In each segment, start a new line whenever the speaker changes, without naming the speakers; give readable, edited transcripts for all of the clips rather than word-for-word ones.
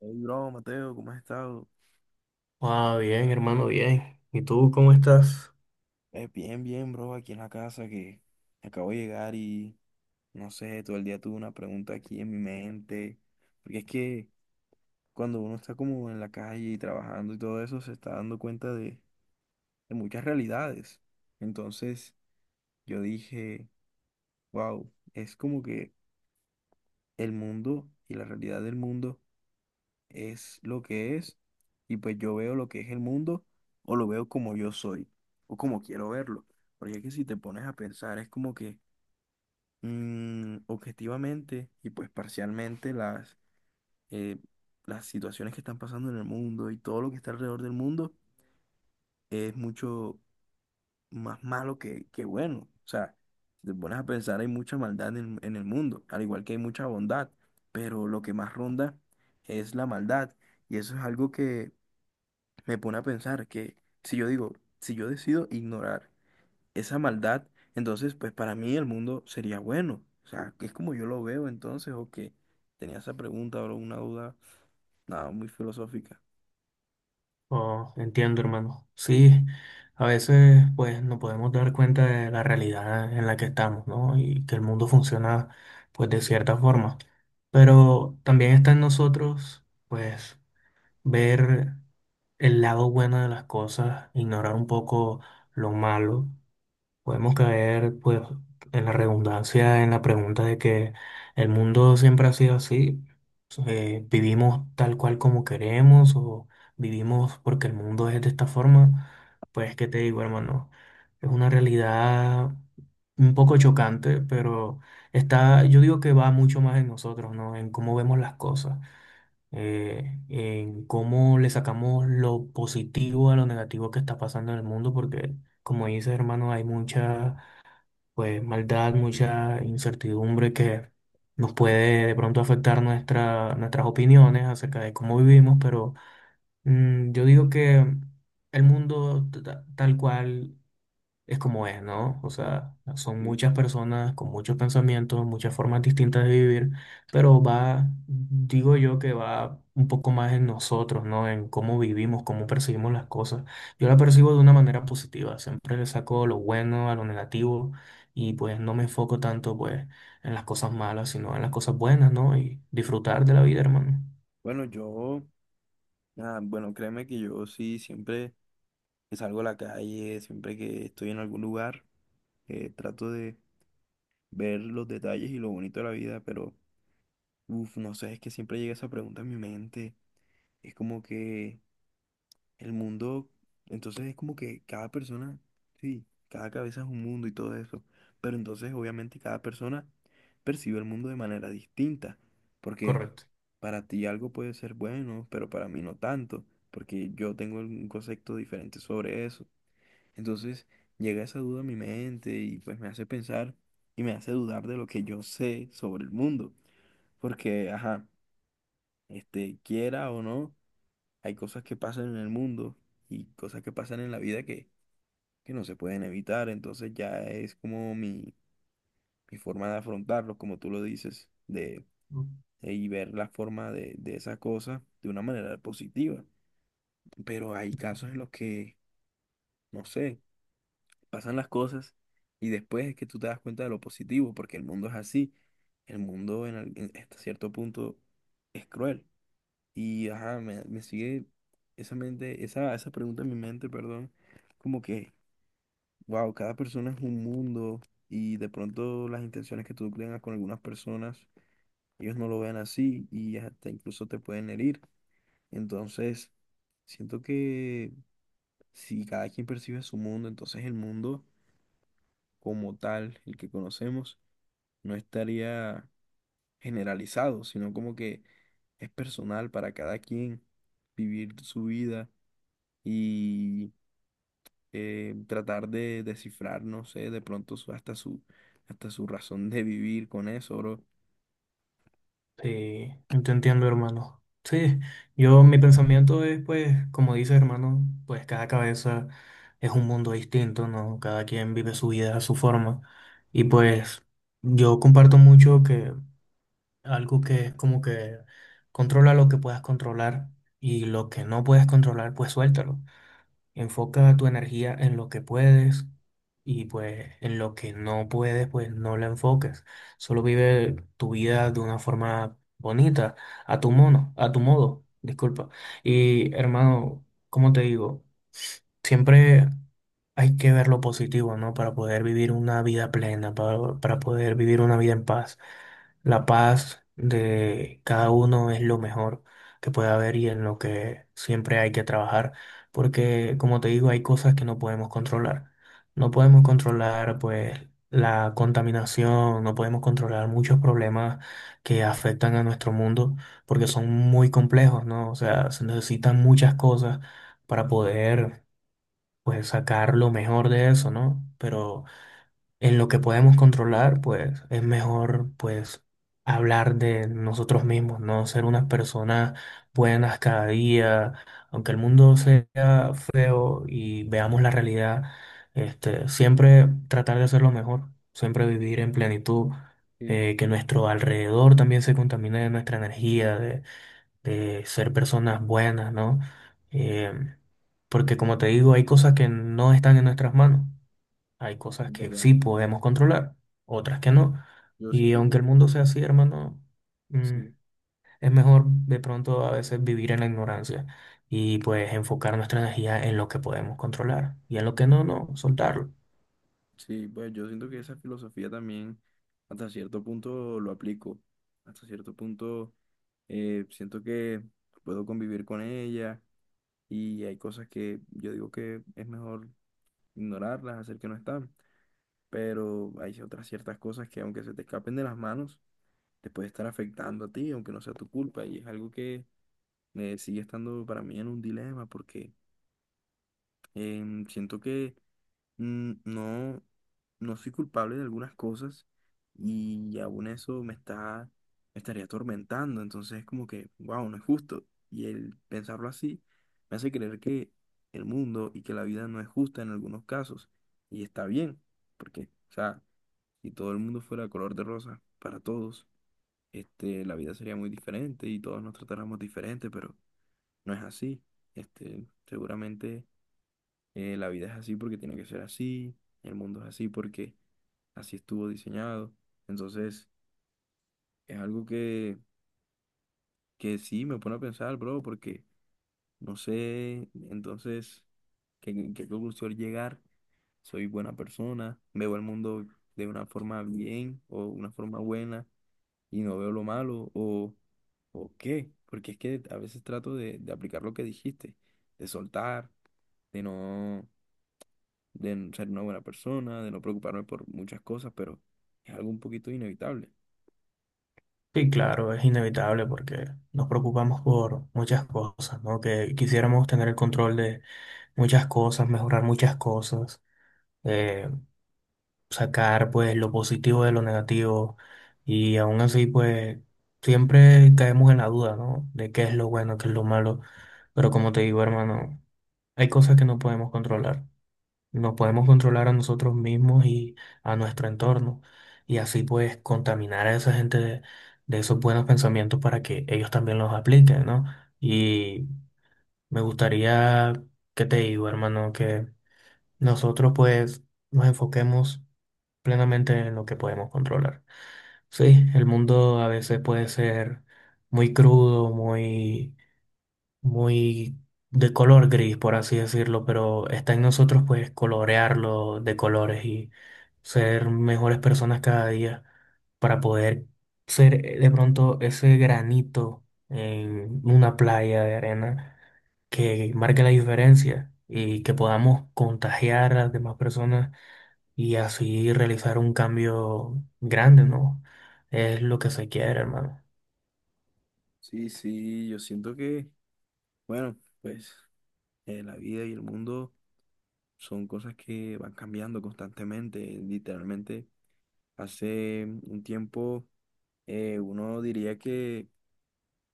Hey, bro, Mateo, ¿cómo has estado?
Ah, bien, hermano, bien. ¿Y tú cómo estás?
Bien, bien, bro, aquí en la casa que acabo de llegar y no sé, todo el día tuve una pregunta aquí en mi mente, porque es que cuando uno está como en la calle y trabajando y todo eso, se está dando cuenta de muchas realidades. Entonces yo dije, wow, es como que el mundo y la realidad del mundo es lo que es y pues yo veo lo que es el mundo o lo veo como yo soy o como quiero verlo. Porque es que si te pones a pensar es como que objetivamente y pues parcialmente eh, las situaciones que están pasando en el mundo y todo lo que está alrededor del mundo es mucho más malo que bueno. O sea, si te pones a pensar hay mucha maldad en el mundo, al igual que hay mucha bondad, pero lo que más ronda es la maldad. Y eso es algo que me pone a pensar que si yo digo, si yo decido ignorar esa maldad, entonces pues para mí el mundo sería bueno. O sea, que es como yo lo veo entonces, o que tenía esa pregunta o una duda, nada, muy filosófica.
Oh, entiendo, hermano. Sí, a veces pues nos podemos dar cuenta de la realidad en la que estamos, ¿no? Y que el mundo funciona pues de cierta forma. Pero también está en nosotros, pues, ver el lado bueno de las cosas, ignorar un poco lo malo. Podemos caer, pues, en la redundancia, en la pregunta de que el mundo siempre ha sido así. Vivimos tal cual como queremos, o vivimos porque el mundo es de esta forma. Pues, ¿qué te digo, hermano? Es una realidad un poco chocante, pero está, yo digo que va mucho más en nosotros, ¿no? En cómo vemos las cosas, en cómo le sacamos lo positivo a lo negativo que está pasando en el mundo, porque, como dices, hermano, hay muchas pues maldad, mucha incertidumbre que nos puede de pronto afectar nuestra, nuestras opiniones acerca de cómo vivimos, pero mm, yo digo que el mundo tal cual es como es, ¿no? O
Mm,
sea, son
sí.
muchas personas con muchos pensamientos, muchas formas distintas de vivir, pero va, digo yo que va un poco más en nosotros, ¿no? En cómo vivimos, cómo percibimos las cosas. Yo la percibo de una manera positiva, siempre le saco lo bueno a lo negativo y pues no me enfoco tanto pues en las cosas malas, sino en las cosas buenas, ¿no? Y disfrutar de la vida, hermano.
Bueno, yo, nada, bueno, créeme que yo sí, siempre que salgo a la calle, siempre que estoy en algún lugar, trato de ver los detalles y lo bonito de la vida, pero, uff, no sé, es que siempre llega esa pregunta en mi mente. Es como que... El mundo, entonces es como que cada persona, sí, cada cabeza es un mundo y todo eso, pero entonces obviamente cada persona percibe el mundo de manera distinta, porque
Correcto.
para ti algo puede ser bueno, pero para mí no tanto, porque yo tengo un concepto diferente sobre eso. Entonces llega esa duda a mi mente y pues me hace pensar y me hace dudar de lo que yo sé sobre el mundo, porque, ajá, este, quiera o no. Hay cosas que pasan en el mundo y cosas que pasan en la vida que no se pueden evitar. Entonces ya es como mi forma de afrontarlo, como tú lo dices, y ver la forma de esa cosa de una manera positiva. Pero hay casos en los que, no sé, pasan las cosas y después es que tú te das cuenta de lo positivo, porque el mundo es así. El mundo hasta cierto punto es cruel. Y ajá, me sigue esa mente, esa pregunta en mi mente, perdón, como que, wow, cada persona es un mundo y de pronto las intenciones que tú tengas con algunas personas, ellos no lo ven así y hasta incluso te pueden herir. Entonces, siento que si cada quien percibe su mundo, entonces el mundo como tal, el que conocemos, no estaría generalizado, sino como que es personal para cada quien vivir su vida y... tratar de descifrar, no sé, de pronto hasta hasta su razón de vivir con eso, bro.
Sí, yo te entiendo, hermano. Sí, yo mi pensamiento es, pues, como dice, hermano, pues cada cabeza es un mundo distinto, ¿no? Cada quien vive su vida a su forma. Y pues yo comparto mucho que algo que es como que controla lo que puedas controlar, y lo que no puedes controlar, pues suéltalo. Enfoca tu energía en lo que puedes, y pues en lo que no puedes, pues no la enfoques. Solo vive tu vida de una forma bonita, a tu mono, a tu modo, disculpa. Y hermano, ¿cómo te digo? Siempre hay que ver lo positivo, ¿no? Para poder vivir una vida plena, para poder vivir una vida en paz. La paz de cada uno es lo mejor que puede haber y en lo que siempre hay que trabajar, porque como te digo, hay cosas que no podemos controlar. No podemos controlar pues la contaminación, no podemos controlar muchos problemas que afectan a nuestro mundo porque son muy complejos, ¿no? O sea, se necesitan muchas cosas para poder pues sacar lo mejor de eso, ¿no? Pero en lo que podemos controlar, pues es mejor pues hablar de nosotros
Claro,
mismos, no ser unas personas buenas cada día, aunque el mundo sea feo y veamos la realidad, este, siempre tratar de hacerlo mejor, siempre vivir en plenitud,
sí,
que nuestro alrededor también se contamine de nuestra energía, de ser personas buenas, ¿no? Em, Porque como te digo, hay cosas que no están en nuestras manos. Hay cosas
es
que
verdad.
sí podemos controlar, otras que no.
Yo
Y
siento que
aunque el mundo sea así, hermano, mm,
sí.
es mejor de pronto a veces vivir en la ignorancia y pues enfocar nuestra energía en lo que podemos controlar, y en lo que no, no, soltarlo.
Sí, pues yo siento que esa filosofía también hasta cierto punto lo aplico. Hasta cierto punto siento que puedo convivir con ella y hay cosas que yo digo que es mejor ignorarlas, hacer que no están. Pero hay otras ciertas cosas que aunque se te escapen de las manos, te puede estar afectando a ti, aunque no sea tu culpa. Y es algo que sigue estando para mí en un dilema, porque siento que no, no soy culpable de algunas cosas y aún eso me me estaría atormentando. Entonces es como que, wow, no es justo. Y el pensarlo así me hace creer que el mundo y que la vida no es justa en algunos casos. Y está bien, porque, o sea, si todo el mundo fuera color de rosa para todos, este, la vida sería muy diferente y todos nos tratáramos diferente, pero no es así. Este, seguramente la vida es así porque tiene que ser así, el mundo es así porque así estuvo diseñado. Entonces, es algo que sí me pone a pensar, bro, porque no sé entonces qué conclusión llegar. Soy buena persona, veo el mundo de una forma bien o una forma buena y no veo lo malo o qué, porque es que a veces trato de aplicar lo que dijiste, de soltar, de no, de n- ser una buena persona, de no preocuparme por muchas cosas, pero es algo un poquito inevitable.
Sí, claro, es inevitable porque nos preocupamos por muchas cosas, ¿no? Que quisiéramos tener el control de muchas cosas, mejorar muchas cosas. eh, Sacar pues lo positivo de lo negativo, y aún así pues siempre caemos en la duda, ¿no? De qué es lo bueno, qué es lo malo, pero como te digo, hermano, hay cosas que no podemos controlar. No podemos controlar a nosotros mismos y a nuestro entorno, y así pues contaminar a esa gente de esos buenos pensamientos para que ellos también los apliquen, ¿no? Y me gustaría, ¿qué te digo, hermano? Que nosotros pues nos enfoquemos plenamente en lo que podemos controlar. Sí, el mundo a veces puede ser muy crudo, muy, muy de color gris, por así decirlo, pero está en nosotros pues colorearlo de colores y ser mejores personas cada día para poder ser de pronto ese granito en una playa de arena que marque la diferencia y que podamos contagiar a las demás personas y así realizar un cambio grande, ¿no? Es lo que se quiere, hermano.
Sí, sí, yo siento que, bueno, pues la vida y el mundo son cosas que van cambiando constantemente, literalmente. Hace un tiempo uno diría que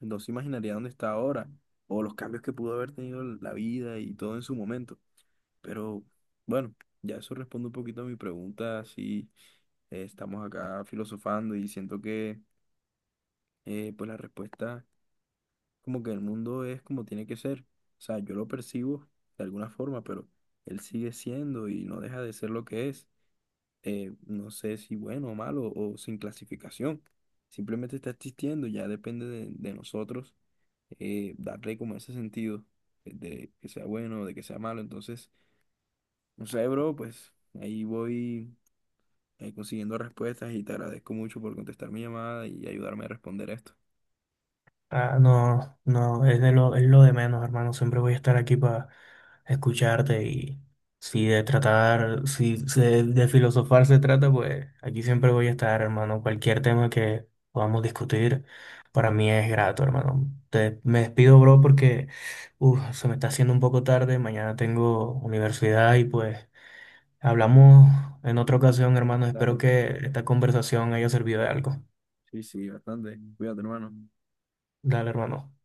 no se imaginaría dónde está ahora o los cambios que pudo haber tenido la vida y todo en su momento. Pero bueno, ya eso responde un poquito a mi pregunta, si estamos acá filosofando y siento que pues la respuesta como que el mundo es como tiene que ser. O sea, yo lo percibo de alguna forma, pero él sigue siendo y no deja de ser lo que es. No sé si bueno o malo o sin clasificación. Simplemente está existiendo, ya depende de nosotros darle como ese sentido de que sea bueno, de que sea malo. Entonces, no sé, bro, pues ahí voy consiguiendo respuestas y te agradezco mucho por contestar mi llamada y ayudarme a responder esto.
Ah, no, no, es de lo, es lo de menos, hermano. Siempre voy a estar aquí para escucharte, y si de tratar, si, si de, de filosofar se trata, pues aquí siempre voy a estar, hermano. Cualquier tema que podamos discutir, para mí es grato, hermano. Te, me despido, bro, porque uf, se me está haciendo un poco tarde. Mañana tengo universidad y pues... Hablamos en otra ocasión, hermano. Espero
Dale.
que esta conversación haya servido de algo.
Sí, sí, bastante. Cuídate, hermano.
Dale, hermano.